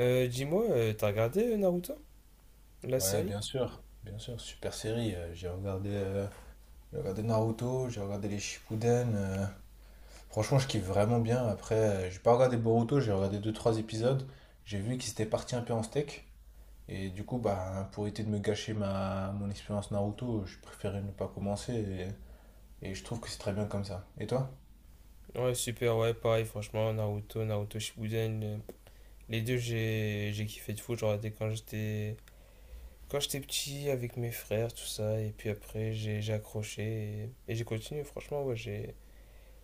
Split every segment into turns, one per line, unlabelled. T'as regardé Naruto, la
Ouais,
série?
bien sûr, super série. J'ai regardé Naruto, j'ai regardé les Shippuden. Franchement, je kiffe vraiment bien. Après, j'ai pas regardé Boruto, j'ai regardé deux trois épisodes. J'ai vu qu'ils étaient partis un peu en steak. Et du coup, bah, pour éviter de me gâcher mon expérience Naruto, je préférais ne pas commencer. Et je trouve que c'est très bien comme ça. Et toi?
Ouais, super, ouais, pareil, franchement, Naruto, Naruto Shippuden, les deux, j'ai kiffé de fou, j'en regardais quand j'étais petit avec mes frères, tout ça, et puis après, j'ai accroché et j'ai continué, franchement, ouais, j'ai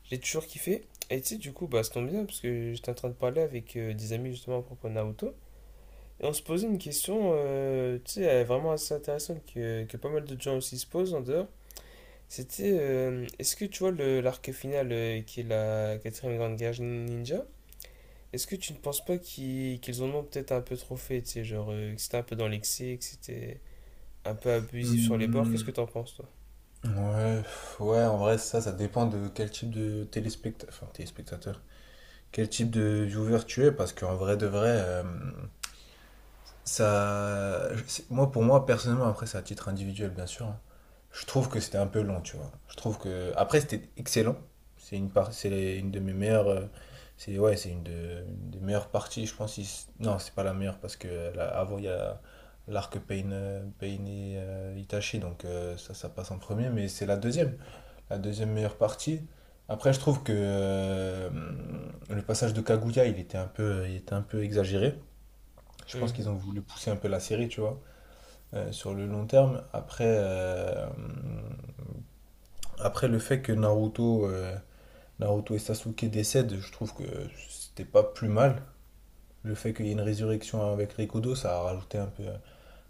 j'ai toujours kiffé. Et tu sais, du coup, bah, ça tombe bien, parce que j'étais en train de parler avec des amis justement à propos de Naruto, et on se posait une question, vraiment assez intéressante que pas mal de gens aussi se posent en dehors. C'était. Est-ce que tu vois l'arc final qui est la quatrième grande guerre ninja? Est-ce que tu ne penses pas qu'ils en ont peut-être un peu trop fait, tu sais, genre que c'était un peu dans l'excès, que c'était un peu abusif sur les bords? Qu'est-ce que
Hmm.
t'en penses, toi?
Ouais, pff, ouais, en vrai, ça dépend de quel type de téléspectateur, enfin, téléspectateur, quel type de viewer tu es, parce qu'en vrai de vrai, moi, pour moi, personnellement, après, c'est à titre individuel, bien sûr, hein. Je trouve que c'était un peu long, tu vois. Je trouve que, après, c'était excellent. C'est une par- c'est les- Une de mes meilleures, c'est ouais, une des meilleures parties, je pense. Non, c'est pas la meilleure parce que là, avant, il y a l'arc Pain, Pain et Itachi, donc ça passe en premier, mais c'est la deuxième meilleure partie. Après, je trouve que le passage de Kaguya, il était un peu exagéré. Je pense qu'ils
Mhm.
ont voulu pousser un peu la série, tu vois, sur le long terme. Après, après le fait que Naruto et Sasuke décèdent, je trouve que c'était pas plus mal. Le fait qu'il y ait une résurrection avec Rikudo, ça a rajouté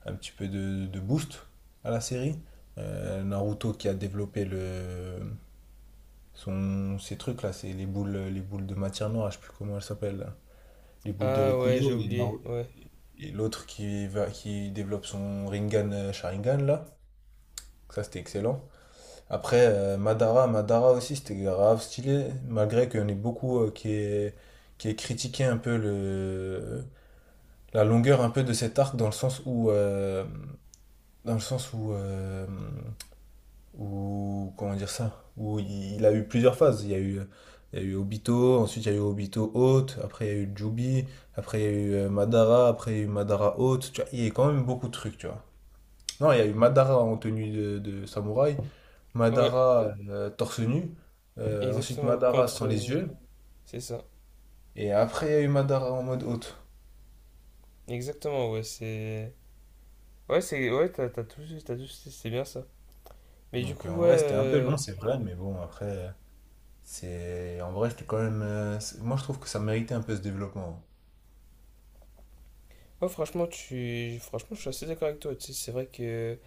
un petit peu de boost à la série. Naruto qui a développé ces trucs-là, c'est les boules de matière noire, je sais plus comment elles s'appellent. Là. Les boules de
Ah ouais, j'ai
Rikudo et
oublié,
non,
ouais.
et l'autre qui développe son Rinnegan Sharingan là. Ça c'était excellent. Après Madara, Madara aussi c'était grave stylé, malgré qu'on ait beaucoup qui est critiqué un peu le la longueur un peu de cet arc dans le sens où dans le sens où ou comment dire ça, où il a eu plusieurs phases. Il y a eu Obito, ensuite il y a eu Obito Haute, après il y a eu Jubi, après il y a eu Madara, après il y a eu Madara Haute, tu vois, il y a quand même beaucoup de trucs, tu vois. Non, il y a eu Madara en tenue de samouraï,
Ouais,
Madara torse nu, ensuite
exactement.
Madara
Contre.
sans les yeux,
C'est ça.
et après il y a eu Madara en mode Haute.
Exactement, ouais, c'est. Ouais, c'est. Ouais, t'as tout, c'est bien ça. Mais
Donc en vrai c'était un peu long, c'est vrai, mais bon après c'est en vrai c'était quand même moi je trouve que ça méritait un peu ce développement.
Ouais, franchement, franchement, je suis assez d'accord avec toi, tu sais, c'est vrai que.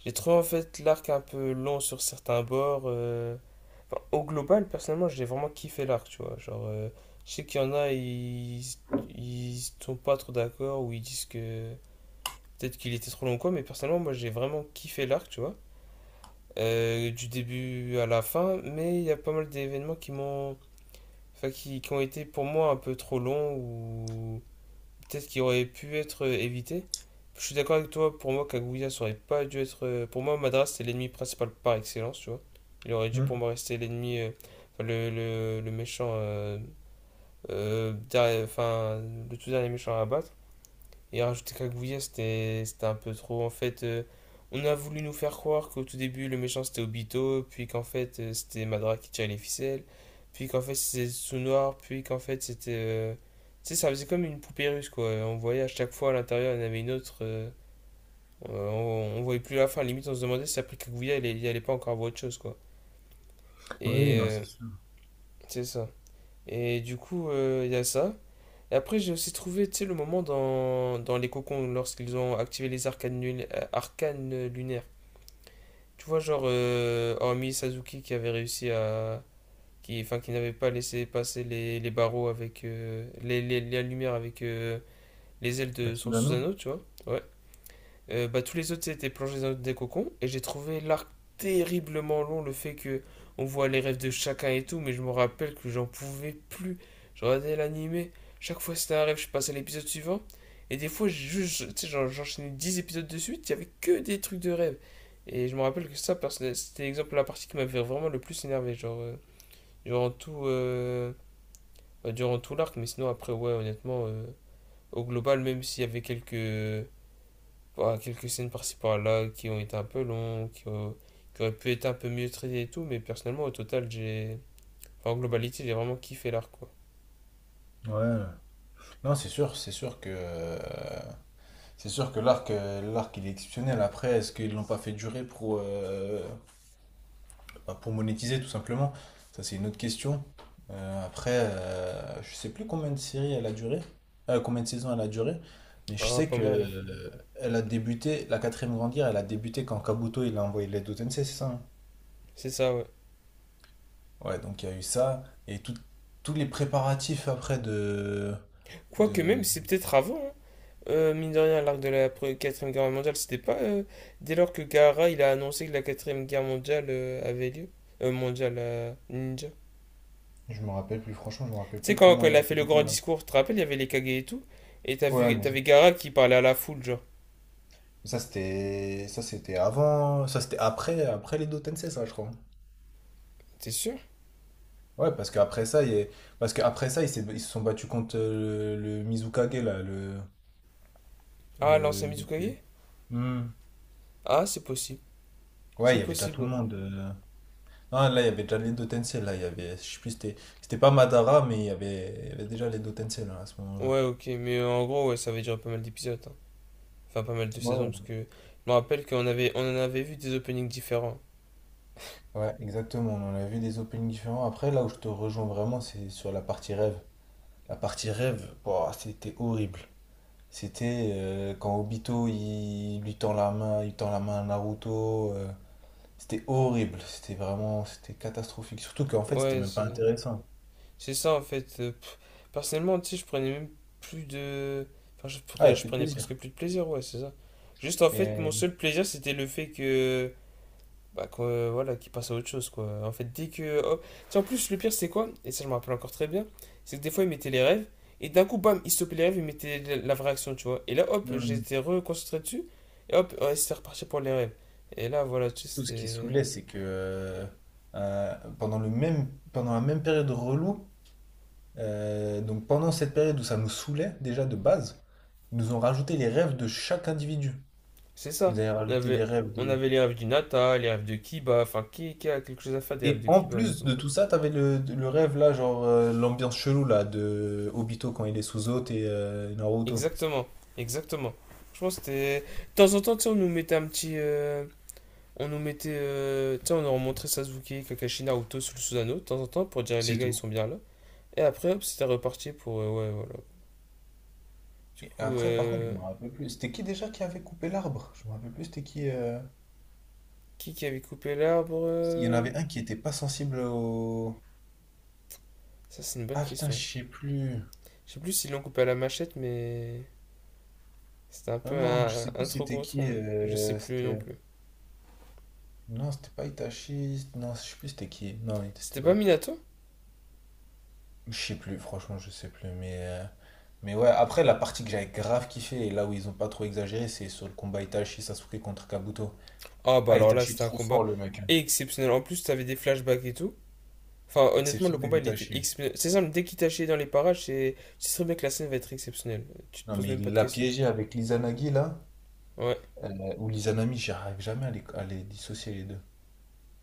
J'ai trouvé en fait l'arc un peu long sur certains bords. Enfin, au global, personnellement, j'ai vraiment kiffé l'arc, tu vois. Je sais qu'il y en a, ils sont pas trop d'accord ou ils disent que peut-être qu'il était trop long ou quoi, mais personnellement, moi j'ai vraiment kiffé l'arc, tu vois. Du début à la fin, mais il y a pas mal d'événements qui m'ont. Enfin, qui ont été pour moi un peu trop longs ou peut-être qui aurait pu être évité. Je suis d'accord avec toi, pour moi, Kaguya, ça aurait pas dû être. Pour moi, Madras, c'était l'ennemi principal par excellence, tu vois. Il aurait dû,
Hmm.
pour moi, rester l'ennemi. Enfin, le méchant. Enfin, le tout dernier méchant à abattre. Et rajouter Kaguya, c'était un peu trop. En fait, on a voulu nous faire croire qu'au tout début, le méchant c'était Obito, puis qu'en fait, c'était Madara qui tirait les ficelles, puis qu'en fait, c'était Tsunnoir, puis qu'en fait, c'était. Tu sais, ça faisait comme une poupée russe, quoi. On voyait à chaque fois à l'intérieur, il y en avait une autre. On voyait plus la fin. Limite, on se demandait si après Kaguya, il allait pas encore voir autre chose, quoi.
Oui, oui, non,
Et.
c'est
euh,
sûr.
c'est ça. Et il y a ça. Et après, j'ai aussi trouvé, tu sais, le moment dans les cocons, lorsqu'ils ont activé les arcanes, arcanes lunaires. Tu vois, hormis Sasuke qui avait réussi à... qui, enfin, qui n'avait pas laissé passer les barreaux avec... la lumière avec les ailes de son
Personnellement?
Susanoo, tu vois. Ouais. Tous les autres c'était plongés dans des cocons et j'ai trouvé l'arc terriblement long, le fait que on voit les rêves de chacun et tout, mais je me rappelle que j'en pouvais plus. Je regardais l'animé, chaque fois c'était un rêve, je passais à l'épisode suivant et des fois juste, tu sais, j'enchaînais 10 épisodes de suite, il y avait que des trucs de rêve. Et je me rappelle que ça, c'était l'exemple, de la partie qui m'avait vraiment le plus énervé, durant bah, durant tout l'arc, mais sinon après ouais honnêtement au global même s'il y avait quelques voilà, quelques scènes par-ci par-là qui ont été un peu longues, qui auraient pu être un peu mieux traitées et tout, mais personnellement, au total, j'ai. Enfin, en globalité, j'ai vraiment kiffé l'arc, quoi.
Ouais. Non, c'est sûr que l'arc il est exceptionnel. Après, est-ce qu'ils l'ont pas fait durer pour bah, pour monétiser tout simplement? Ça, c'est une autre question. Après, je sais plus combien de séries elle a duré, combien de saisons elle a duré, mais je
Ah,
sais
pas
que
mal, hein.
elle a débuté la quatrième grande guerre. Elle a débuté quand Kabuto il a envoyé l'aide au Tensei, c'est ça, hein?
C'est ça, ouais.
Ouais, donc il y a eu ça et tous les préparatifs après
Quoique même,
de,
c'est peut-être avant, hein. Mine de rien, l'arc de la 4ème guerre mondiale, c'était pas dès lors que Gaara, il a annoncé que la quatrième guerre mondiale avait lieu. Ninja.
Je me rappelle plus, franchement, je me
Tu
rappelle
sais,
plus
quand
comment elle
il
a
a fait
été
le grand
déclarée.
discours, tu te rappelles, il y avait les Kage et tout, et t'as
Ouais,
vu,
mais
t'avais Gaara qui parlait à la foule, genre.
ça c'était avant, ça c'était après après les deux Tensei, ça je crois.
T'es sûr?
Ouais, parce qu'après ça, parce qu'après ça, ils se sont battus contre le Mizukage là,
Ah, l'ancien
le mec,
Mizukage?
hmm.
Ah, c'est possible.
Ouais,
C'est
il y avait déjà tout le
possible.
monde, euh. Non, là, il y avait déjà les deux Tensei là, il y avait je sais plus c'était pas Madara mais il y avait déjà les deux Tensei là à ce moment-là.
Ouais, ok, mais en gros, ouais, ça avait duré pas mal d'épisodes, hein. Enfin, pas mal de
Ouais,
saisons, parce
ouais,
que je me rappelle qu'on avait, on en avait vu des openings différents.
Ouais, exactement, on en a vu des openings différents. Après, là où je te rejoins vraiment, c'est sur la partie rêve. La partie rêve, boah, c'était horrible. C'était quand Obito il tend la main à Naruto. C'était horrible, c'était catastrophique. Surtout qu'en fait, c'était
Ouais,
même pas
c'est
intéressant.
c'est ça en fait. Pff. Personnellement, tu sais, je prenais même plus de. Enfin,
Ah, il a
je
plus de
prenais presque
plaisir.
plus de plaisir, ouais, c'est ça. Juste en fait, mon
Mais
seul plaisir, c'était le fait que. Bah, quoi, voilà, qui passe à autre chose, quoi. En fait, dès que. Oh, tu sais, en plus, le pire, c'est quoi? Et ça, je me rappelle encore très bien. C'est que des fois, il mettait les rêves, et d'un coup, bam, il stoppait les rêves, il mettait la vraie action, tu vois. Et là, hop,
euh,
j'étais reconcentré dessus, et hop, ouais, c'était reparti pour les rêves. Et là, voilà, tu sais,
surtout, ce qui
c'était.
saoulait, c'est que euh, pendant pendant la même période relou, donc pendant cette période où ça nous saoulait déjà de base, ils nous ont rajouté les rêves de chaque individu.
C'est
Ils
ça.
nous avaient
On
rajouté les
avait,
rêves
on
de
avait les rêves du Nata, les rêves de Kiba, enfin, qui a quelque chose à faire des rêves
Et
de
en
Kiba,
plus
honnêtement.
de tout ça, t'avais le rêve là, genre l'ambiance chelou là de Obito quand il est sous eau et Naruto.
Exactement, exactement. Je pense que c'était. De temps en temps, tu sais, on nous mettait un petit. On nous mettait. Tu on leur montrait Sasuke, Kakashi, Naruto sous le Susanoo de temps en temps pour dire les
C'est
gars, ils
tout.
sont bien là. Et après, hop, c'était reparti pour. Ouais, voilà. Du
Et
coup,
après, par contre, je
euh,
me rappelle plus. C'était qui déjà qui avait coupé l'arbre? Je me rappelle plus, c'était qui,
qui avait coupé l'arbre
il y en avait un qui était pas sensible au.
Ça, c'est une bonne
Ah putain,
question.
je sais plus.
Je sais plus s'ils l'ont coupé à la machette, mais. C'était un
Non,
peu
non, je sais
un
plus
trop
c'était
gros
qui,
tronc. Je sais plus non
c'était.
plus.
Non, c'était pas Itachi. Non, je sais plus c'était qui. Non, c'était
C'était
pas.
pas Minato.
Je sais plus, franchement, je sais plus. Mais ouais, après, la partie que j'avais grave kiffé, et là où ils ont pas trop exagéré, c'est sur le combat Itachi Sasuke contre Kabuto.
Ah, bah
Ah,
alors là,
Itachi,
c'était un
trop fort,
combat
le mec, hein.
exceptionnel. En plus, t'avais des flashbacks et tout. Enfin, honnêtement, le
Exceptionnel,
combat, il était
Itachi.
exceptionnel. C'est simple, dès qu'il t'a chié dans les parages, c'est... tu sais très bien que la scène va être exceptionnelle. Tu te
Non,
poses
mais
même pas
il
de
l'a
questions.
piégé avec l'Izanagi, là,
Ouais,
ou l'Izanami, j'arrive jamais à à les dissocier, les deux.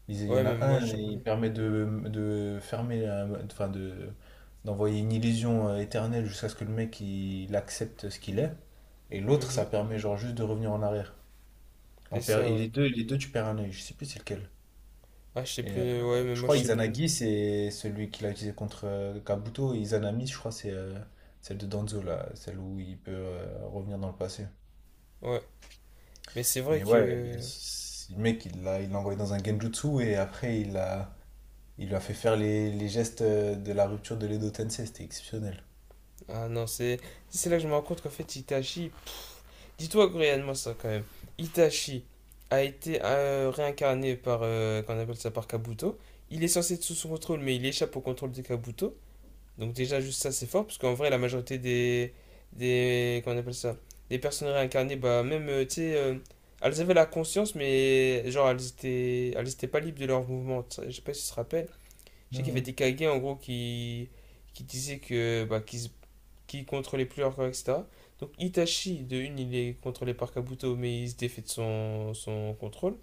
Il y
ouais,
en
même
a
moi,
un,
je sais
il
plus.
permet de fermer, d'envoyer une illusion éternelle jusqu'à ce que le mec, il accepte ce qu'il est. Et l'autre,
Mhm.
ça permet, genre, juste de revenir en arrière.
C'est
On perd,
ça, ouais.
les deux, tu perds un œil. Je sais plus c'est lequel.
Ah, je sais
Et,
plus, ouais, même
je
moi,
crois
je sais plus.
Izanagi, c'est celui qu'il a utilisé contre Kabuto. Et Izanami, je crois, c'est celle de Danzo, là, celle où il peut revenir dans le passé.
Ouais. Mais c'est vrai
Mais ouais,
que...
le mec, il l'a envoyé dans un genjutsu et après, il lui a fait faire les gestes de la rupture de l'Edo Tensei. C'était exceptionnel.
Ah non, c'est... C'est là que je me rends compte qu'en fait, Itachi... Dis-toi réellement ça, quand même. Itachi a été réincarné par... qu'on appelle ça, par Kabuto. Il est censé être sous son contrôle, mais il échappe au contrôle de Kabuto. Donc déjà juste ça c'est fort parce qu'en vrai la majorité des comment on appelle ça des personnes réincarnées bah même tu sais elles avaient la conscience mais genre elles étaient pas libres de leurs mouvements. Tu sais, je sais pas si tu te rappelles. Je sais qu'il y avait
Mhm.
des Kage en gros qui disaient que bah qu'ils contrôlaient plus leur corps et etc. Donc Itachi de une il est contrôlé par Kabuto mais il se défait de son contrôle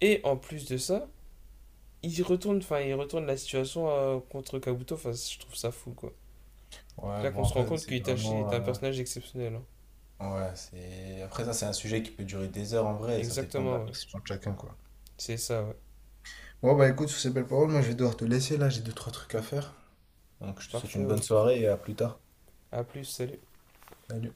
et en plus de ça il retourne enfin il retourne la situation contre Kabuto enfin je trouve ça fou quoi. C'est
Ouais,
là qu'on
bon,
se rend
après, ça,
compte
c'est
qu'Itachi
vraiment,
est un personnage exceptionnel, hein.
ouais, c'est. Après, ça, c'est un sujet qui peut durer des heures en vrai, et ça dépend de la
Exactement, ouais.
perception de chacun, quoi.
C'est ça, ouais.
Ouais, bah écoute, sur ces belles paroles, moi je vais devoir te laisser là, j'ai deux, trois trucs à faire. Donc je te souhaite
Parfait,
une bonne
ouais.
soirée et à plus tard.
A plus, salut.
Salut.